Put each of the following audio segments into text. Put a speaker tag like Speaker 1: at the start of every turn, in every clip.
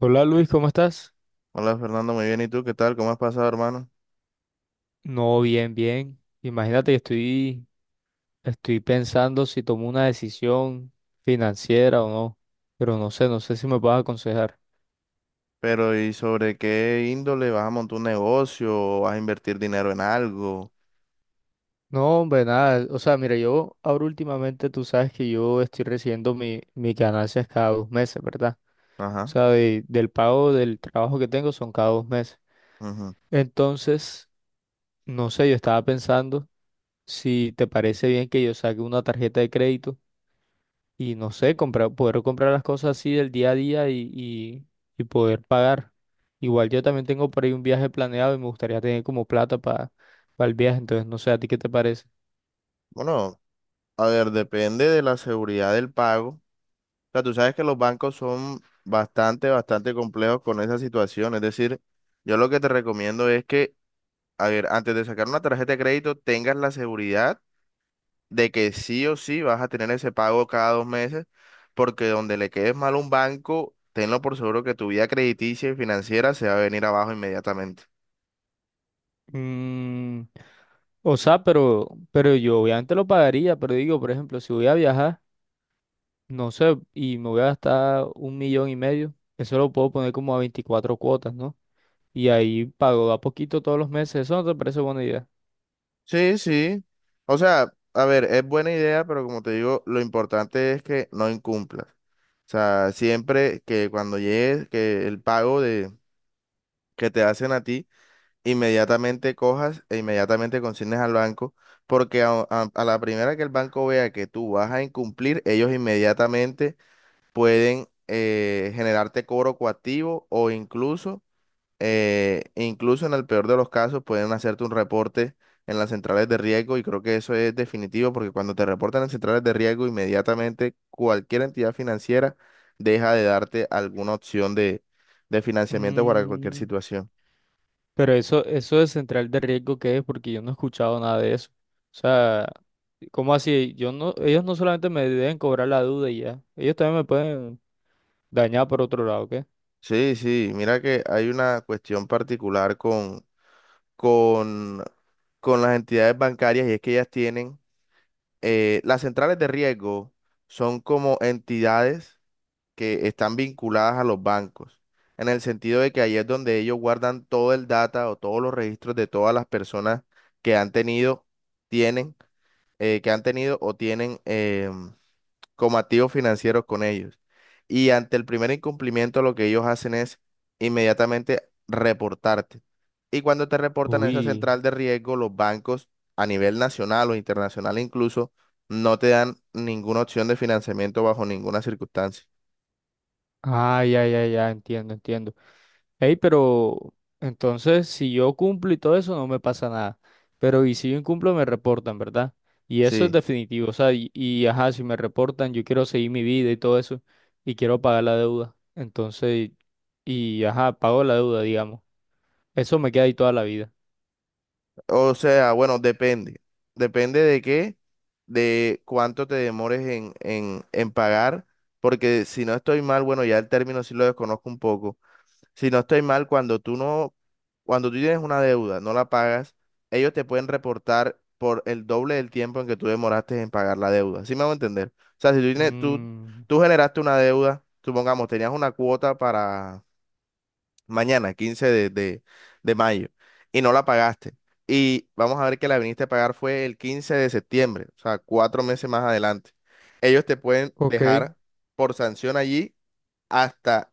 Speaker 1: Hola Luis, ¿cómo estás?
Speaker 2: Hola Fernando, muy bien. ¿Y tú qué tal? ¿Cómo has pasado, hermano?
Speaker 1: No, bien, bien. Imagínate que estoy pensando si tomo una decisión financiera o no, pero no sé si me puedes aconsejar.
Speaker 2: Pero ¿y sobre qué índole vas a montar un negocio o vas a invertir dinero en algo?
Speaker 1: No, hombre, nada. O sea, mira, yo ahora últimamente tú sabes que yo estoy recibiendo mis ganancias cada 2 meses, ¿verdad? O
Speaker 2: Ajá.
Speaker 1: sea, del pago del trabajo que tengo son cada 2 meses.
Speaker 2: Ujú.
Speaker 1: Entonces, no sé, yo estaba pensando si te parece bien que yo saque una tarjeta de crédito y no sé, poder comprar las cosas así del día a día y poder pagar. Igual yo también tengo por ahí un viaje planeado y me gustaría tener como plata para el viaje, entonces no sé, ¿a ti qué te parece?
Speaker 2: Bueno, a ver, depende de la seguridad del pago. O sea, tú sabes que los bancos son bastante, bastante complejos con esa situación. Es decir, yo lo que te recomiendo es que, a ver, antes de sacar una tarjeta de crédito, tengas la seguridad de que sí o sí vas a tener ese pago cada 2 meses, porque donde le quedes mal a un banco, tenlo por seguro que tu vida crediticia y financiera se va a venir abajo inmediatamente.
Speaker 1: Mm, o sea, pero yo obviamente lo pagaría, pero digo, por ejemplo, si voy a viajar, no sé, y me voy a gastar 1,5 millones, eso lo puedo poner como a 24 cuotas, ¿no? Y ahí pago a poquito todos los meses, ¿eso no te parece buena idea?
Speaker 2: Sí, sí. O sea, a ver, es buena idea, pero como te digo, lo importante es que no incumplas. O sea, siempre que cuando llegues, que el pago de, que te hacen a ti, inmediatamente cojas e inmediatamente consignes al banco, porque a la primera que el banco vea que tú vas a incumplir, ellos inmediatamente pueden generarte cobro coactivo o incluso en el peor de los casos, pueden hacerte un reporte en las centrales de riesgo y creo que eso es definitivo porque cuando te reportan en centrales de riesgo, inmediatamente cualquier entidad financiera deja de darte alguna opción de financiamiento para cualquier
Speaker 1: Mm,
Speaker 2: situación.
Speaker 1: Pero eso de central de riesgo, ¿qué es? Porque yo no he escuchado nada de eso. O sea, ¿cómo así? Yo no, ellos no solamente me deben cobrar la duda y ya, ellos también me pueden dañar por otro lado, ¿qué?
Speaker 2: Sí, sí, mira que hay una cuestión particular con, con las entidades bancarias y es que ellas tienen las centrales de riesgo son como entidades que están vinculadas a los bancos, en el sentido de que ahí es donde ellos guardan todo el data o todos los registros de todas las personas que han tenido, tienen, que han tenido o tienen como activos financieros con ellos. Y ante el primer incumplimiento, lo que ellos hacen es inmediatamente reportarte. Y cuando te reportan a esa
Speaker 1: ¡Uy!
Speaker 2: central de riesgo, los bancos a nivel nacional o internacional incluso no te dan ninguna opción de financiamiento bajo ninguna circunstancia.
Speaker 1: Ah, ya, ya, ya, entiendo, entiendo. Ey, pero entonces, si yo cumplo y todo eso, no me pasa nada. Pero y si yo incumplo, me reportan, ¿verdad? Y eso es
Speaker 2: Sí.
Speaker 1: definitivo. O sea, ajá, si me reportan, yo quiero seguir mi vida y todo eso, y quiero pagar la deuda. Entonces, y ajá, pago la deuda, digamos. Eso me queda ahí toda la vida.
Speaker 2: O sea, bueno, depende. Depende de qué, de cuánto te demores en pagar, porque si no estoy mal, bueno, ya el término sí lo desconozco un poco. Si no estoy mal, cuando tú tienes una deuda, no la pagas, ellos te pueden reportar por el doble del tiempo en que tú demoraste en pagar la deuda. ¿Sí me hago entender? O sea, si tú tienes, tú,
Speaker 1: Mm,
Speaker 2: tú generaste una deuda, supongamos, tenías una cuota para mañana, 15 de mayo, y no la pagaste. Y vamos a ver que la viniste a pagar fue el 15 de septiembre, o sea, 4 meses más adelante. Ellos te pueden
Speaker 1: ok,
Speaker 2: dejar por sanción allí hasta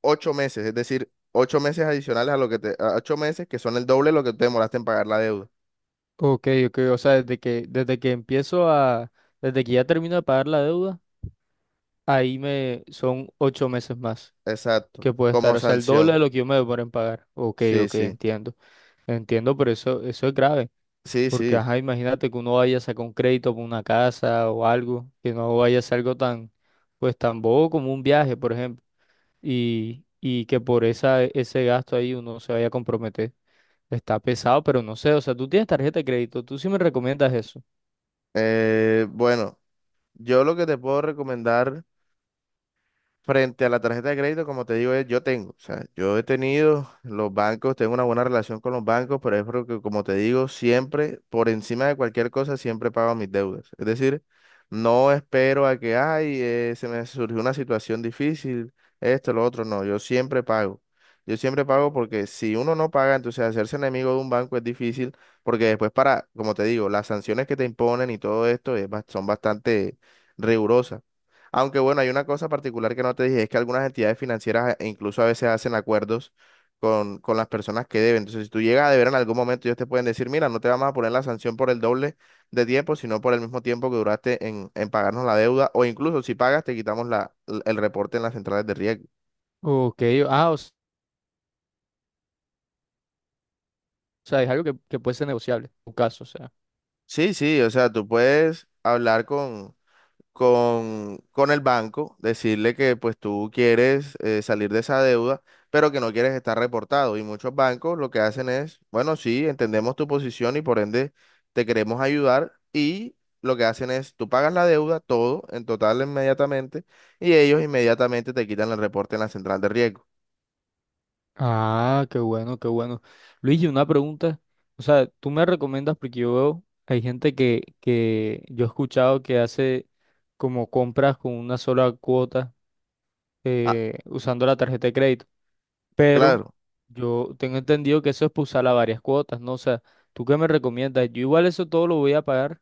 Speaker 2: 8 meses, es decir, 8 meses adicionales a 8 meses que son el doble de lo que te demoraste en pagar la deuda.
Speaker 1: ok, ok. O sea, desde que ya termino de pagar la deuda, ahí me son 8 meses más
Speaker 2: Exacto,
Speaker 1: que puede estar.
Speaker 2: como
Speaker 1: O sea, el doble de
Speaker 2: sanción.
Speaker 1: lo que yo me demoro en pagar. Ok,
Speaker 2: Sí,
Speaker 1: ok,
Speaker 2: sí,
Speaker 1: entiendo. Entiendo, pero eso es grave.
Speaker 2: sí,
Speaker 1: Porque,
Speaker 2: sí.
Speaker 1: ajá, imagínate que uno vaya a sacar un crédito por una casa o algo, que no vaya a ser algo tan, pues tan bobo como un viaje, por ejemplo. Y que ese gasto ahí uno se vaya a comprometer. Está pesado, pero no sé, o sea, tú tienes tarjeta de crédito, tú sí me recomiendas eso.
Speaker 2: Bueno, yo lo que te puedo recomendar. Frente a la tarjeta de crédito, como te digo, o sea, yo he tenido los bancos, tengo una buena relación con los bancos, pero es porque, como te digo, siempre, por encima de cualquier cosa, siempre pago mis deudas. Es decir, no espero a que, ay, se me surgió una situación difícil, esto, lo otro, no, yo siempre pago. Yo siempre pago porque si uno no paga, entonces hacerse enemigo de un banco es difícil, porque después para, como te digo, las sanciones que te imponen y todo esto son bastante rigurosas. Aunque bueno, hay una cosa particular que no te dije, es que algunas entidades financieras incluso a veces hacen acuerdos con las personas que deben. Entonces, si tú llegas a deber en algún momento, ellos te pueden decir, mira, no te vamos a poner la sanción por el doble de tiempo, sino por el mismo tiempo que duraste en pagarnos la deuda, o incluso si pagas, te quitamos la, el reporte en las centrales de riesgo.
Speaker 1: Ok, ah, o sea, es algo que puede ser negociable, en tu caso, o sea.
Speaker 2: Sí, sí, o sea, tú puedes hablar con el banco, decirle que pues tú quieres salir de esa deuda, pero que no quieres estar reportado. Y muchos bancos lo que hacen es, bueno, sí, entendemos tu posición y por ende te queremos ayudar y lo que hacen es, tú pagas la deuda, todo, en total inmediatamente, y ellos inmediatamente te quitan el reporte en la central de riesgo.
Speaker 1: Ah, qué bueno, qué bueno. Luigi, una pregunta, o sea, tú me recomiendas porque yo veo, hay gente que yo he escuchado que hace como compras con una sola cuota
Speaker 2: Ah,
Speaker 1: usando la tarjeta de crédito, pero
Speaker 2: claro,
Speaker 1: yo tengo entendido que eso es para usarla a varias cuotas, ¿no? O sea, ¿tú qué me recomiendas? Yo igual eso todo lo voy a pagar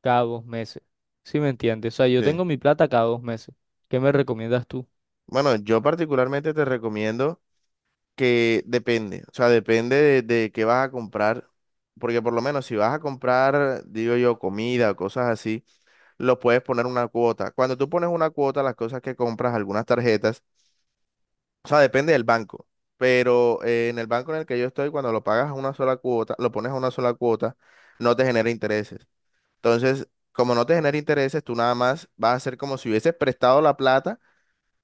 Speaker 1: cada 2 meses. ¿Sí me entiendes? O sea, yo
Speaker 2: sí.
Speaker 1: tengo mi plata cada 2 meses. ¿Qué me recomiendas tú?
Speaker 2: Bueno, yo particularmente te recomiendo que depende, o sea, depende de qué vas a comprar, porque por lo menos si vas a comprar, digo yo, comida, o cosas así, lo puedes poner una cuota. Cuando tú pones una cuota, las cosas que compras, algunas tarjetas, o sea, depende del banco, pero en el banco en el que yo estoy, cuando lo pagas a una sola cuota, lo pones a una sola cuota, no te genera intereses. Entonces, como no te genera intereses, tú nada más vas a hacer como si hubieses prestado la plata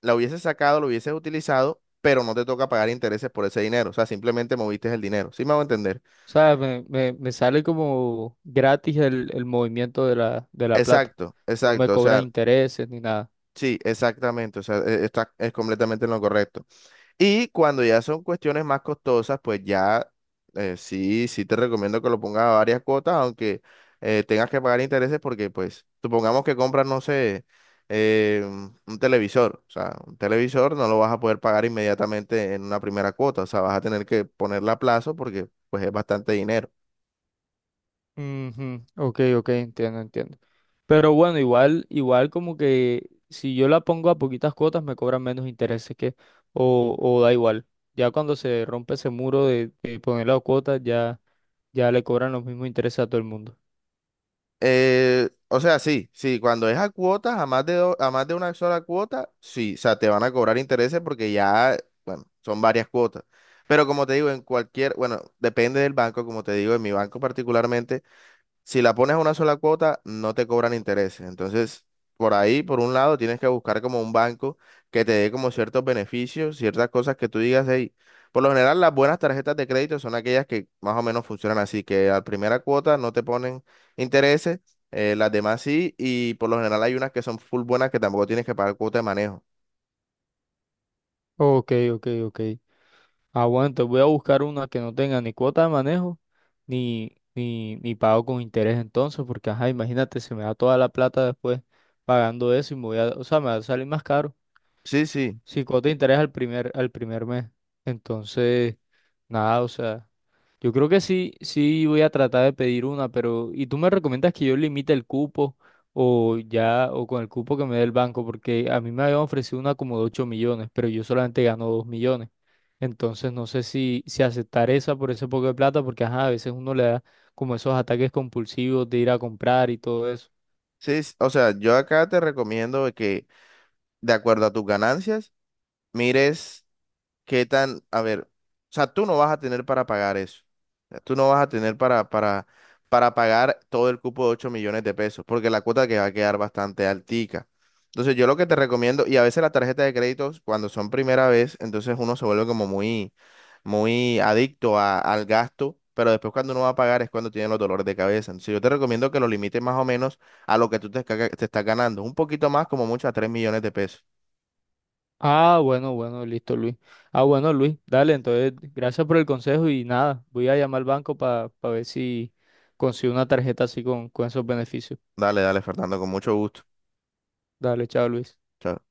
Speaker 2: la hubieses sacado, lo hubieses utilizado, pero no te toca pagar intereses por ese dinero. O sea, simplemente moviste el dinero. ¿Sí me hago entender?
Speaker 1: O sea, me sale como gratis el movimiento de la plata.
Speaker 2: Exacto,
Speaker 1: No me
Speaker 2: exacto. O
Speaker 1: cobran
Speaker 2: sea,
Speaker 1: intereses ni nada.
Speaker 2: sí, exactamente. O sea, está es completamente en lo correcto. Y cuando ya son cuestiones más costosas, pues ya sí, sí te recomiendo que lo pongas a varias cuotas, aunque tengas que pagar intereses porque, pues, supongamos que compras, no sé, un televisor. O sea, un televisor no lo vas a poder pagar inmediatamente en una primera cuota. O sea, vas a tener que ponerla a plazo porque, pues, es bastante dinero.
Speaker 1: Ujú, ok, ok, entiendo, entiendo. Pero bueno, igual como que si yo la pongo a poquitas cuotas me cobran menos intereses que, o da igual. Ya cuando se rompe ese muro de poner la cuota, ya, ya le cobran los mismos intereses a todo el mundo.
Speaker 2: O sea, sí, sí, cuando es a cuotas, a más de una sola cuota, sí, o sea, te van a cobrar intereses porque ya, bueno, son varias cuotas. Pero como te digo, en cualquier, bueno, depende del banco, como te digo, en mi banco particularmente, si la pones a una sola cuota, no te cobran intereses. Entonces, por ahí, por un lado, tienes que buscar como un banco que te dé como ciertos beneficios, ciertas cosas que tú digas, hey, por lo general las buenas tarjetas de crédito son aquellas que más o menos funcionan así, que a primera cuota no te ponen intereses, las demás sí, y por lo general hay unas que son full buenas que tampoco tienes que pagar cuota de manejo.
Speaker 1: Ok, ok, ok. Ah, bueno, entonces voy a buscar una que no tenga ni cuota de manejo, ni pago con interés entonces, porque ajá, imagínate, se me da toda la plata después pagando eso y o sea, me va a salir más caro.
Speaker 2: Sí, sí,
Speaker 1: Si cuota de interés al primer mes. Entonces, nada, o sea, yo creo que sí, sí voy a tratar de pedir una, pero, ¿y tú me recomiendas que yo limite el cupo o ya, o con el cupo que me dé el banco? Porque a mí me habían ofrecido una como de 8 millones, pero yo solamente gano 2 millones. Entonces no sé si aceptar esa por ese poco de plata, porque ajá, a veces uno le da como esos ataques compulsivos de ir a comprar y todo eso.
Speaker 2: sí, o sea, yo acá te recomiendo que de acuerdo a tus ganancias, mires qué tan, a ver, o sea, tú no vas a tener para pagar eso. O sea, tú no vas a tener para pagar todo el cupo de 8 millones de pesos, porque la cuota que va a quedar bastante altica. Entonces, yo lo que te recomiendo, y a veces las tarjetas de créditos, cuando son primera vez, entonces uno se vuelve como muy, muy adicto al gasto, pero después cuando uno va a pagar es cuando tiene los dolores de cabeza. Entonces, yo te recomiendo que lo limites más o menos a lo que te estás ganando, un poquito más, como mucho a 3 millones de pesos.
Speaker 1: Ah, bueno, bueno, listo, Luis. Ah, bueno, Luis, dale, entonces gracias por el consejo y nada, voy a llamar al banco para ver si consigo una tarjeta así con esos beneficios.
Speaker 2: Dale, dale, Fernando, con mucho gusto.
Speaker 1: Dale, chao, Luis.
Speaker 2: Chao,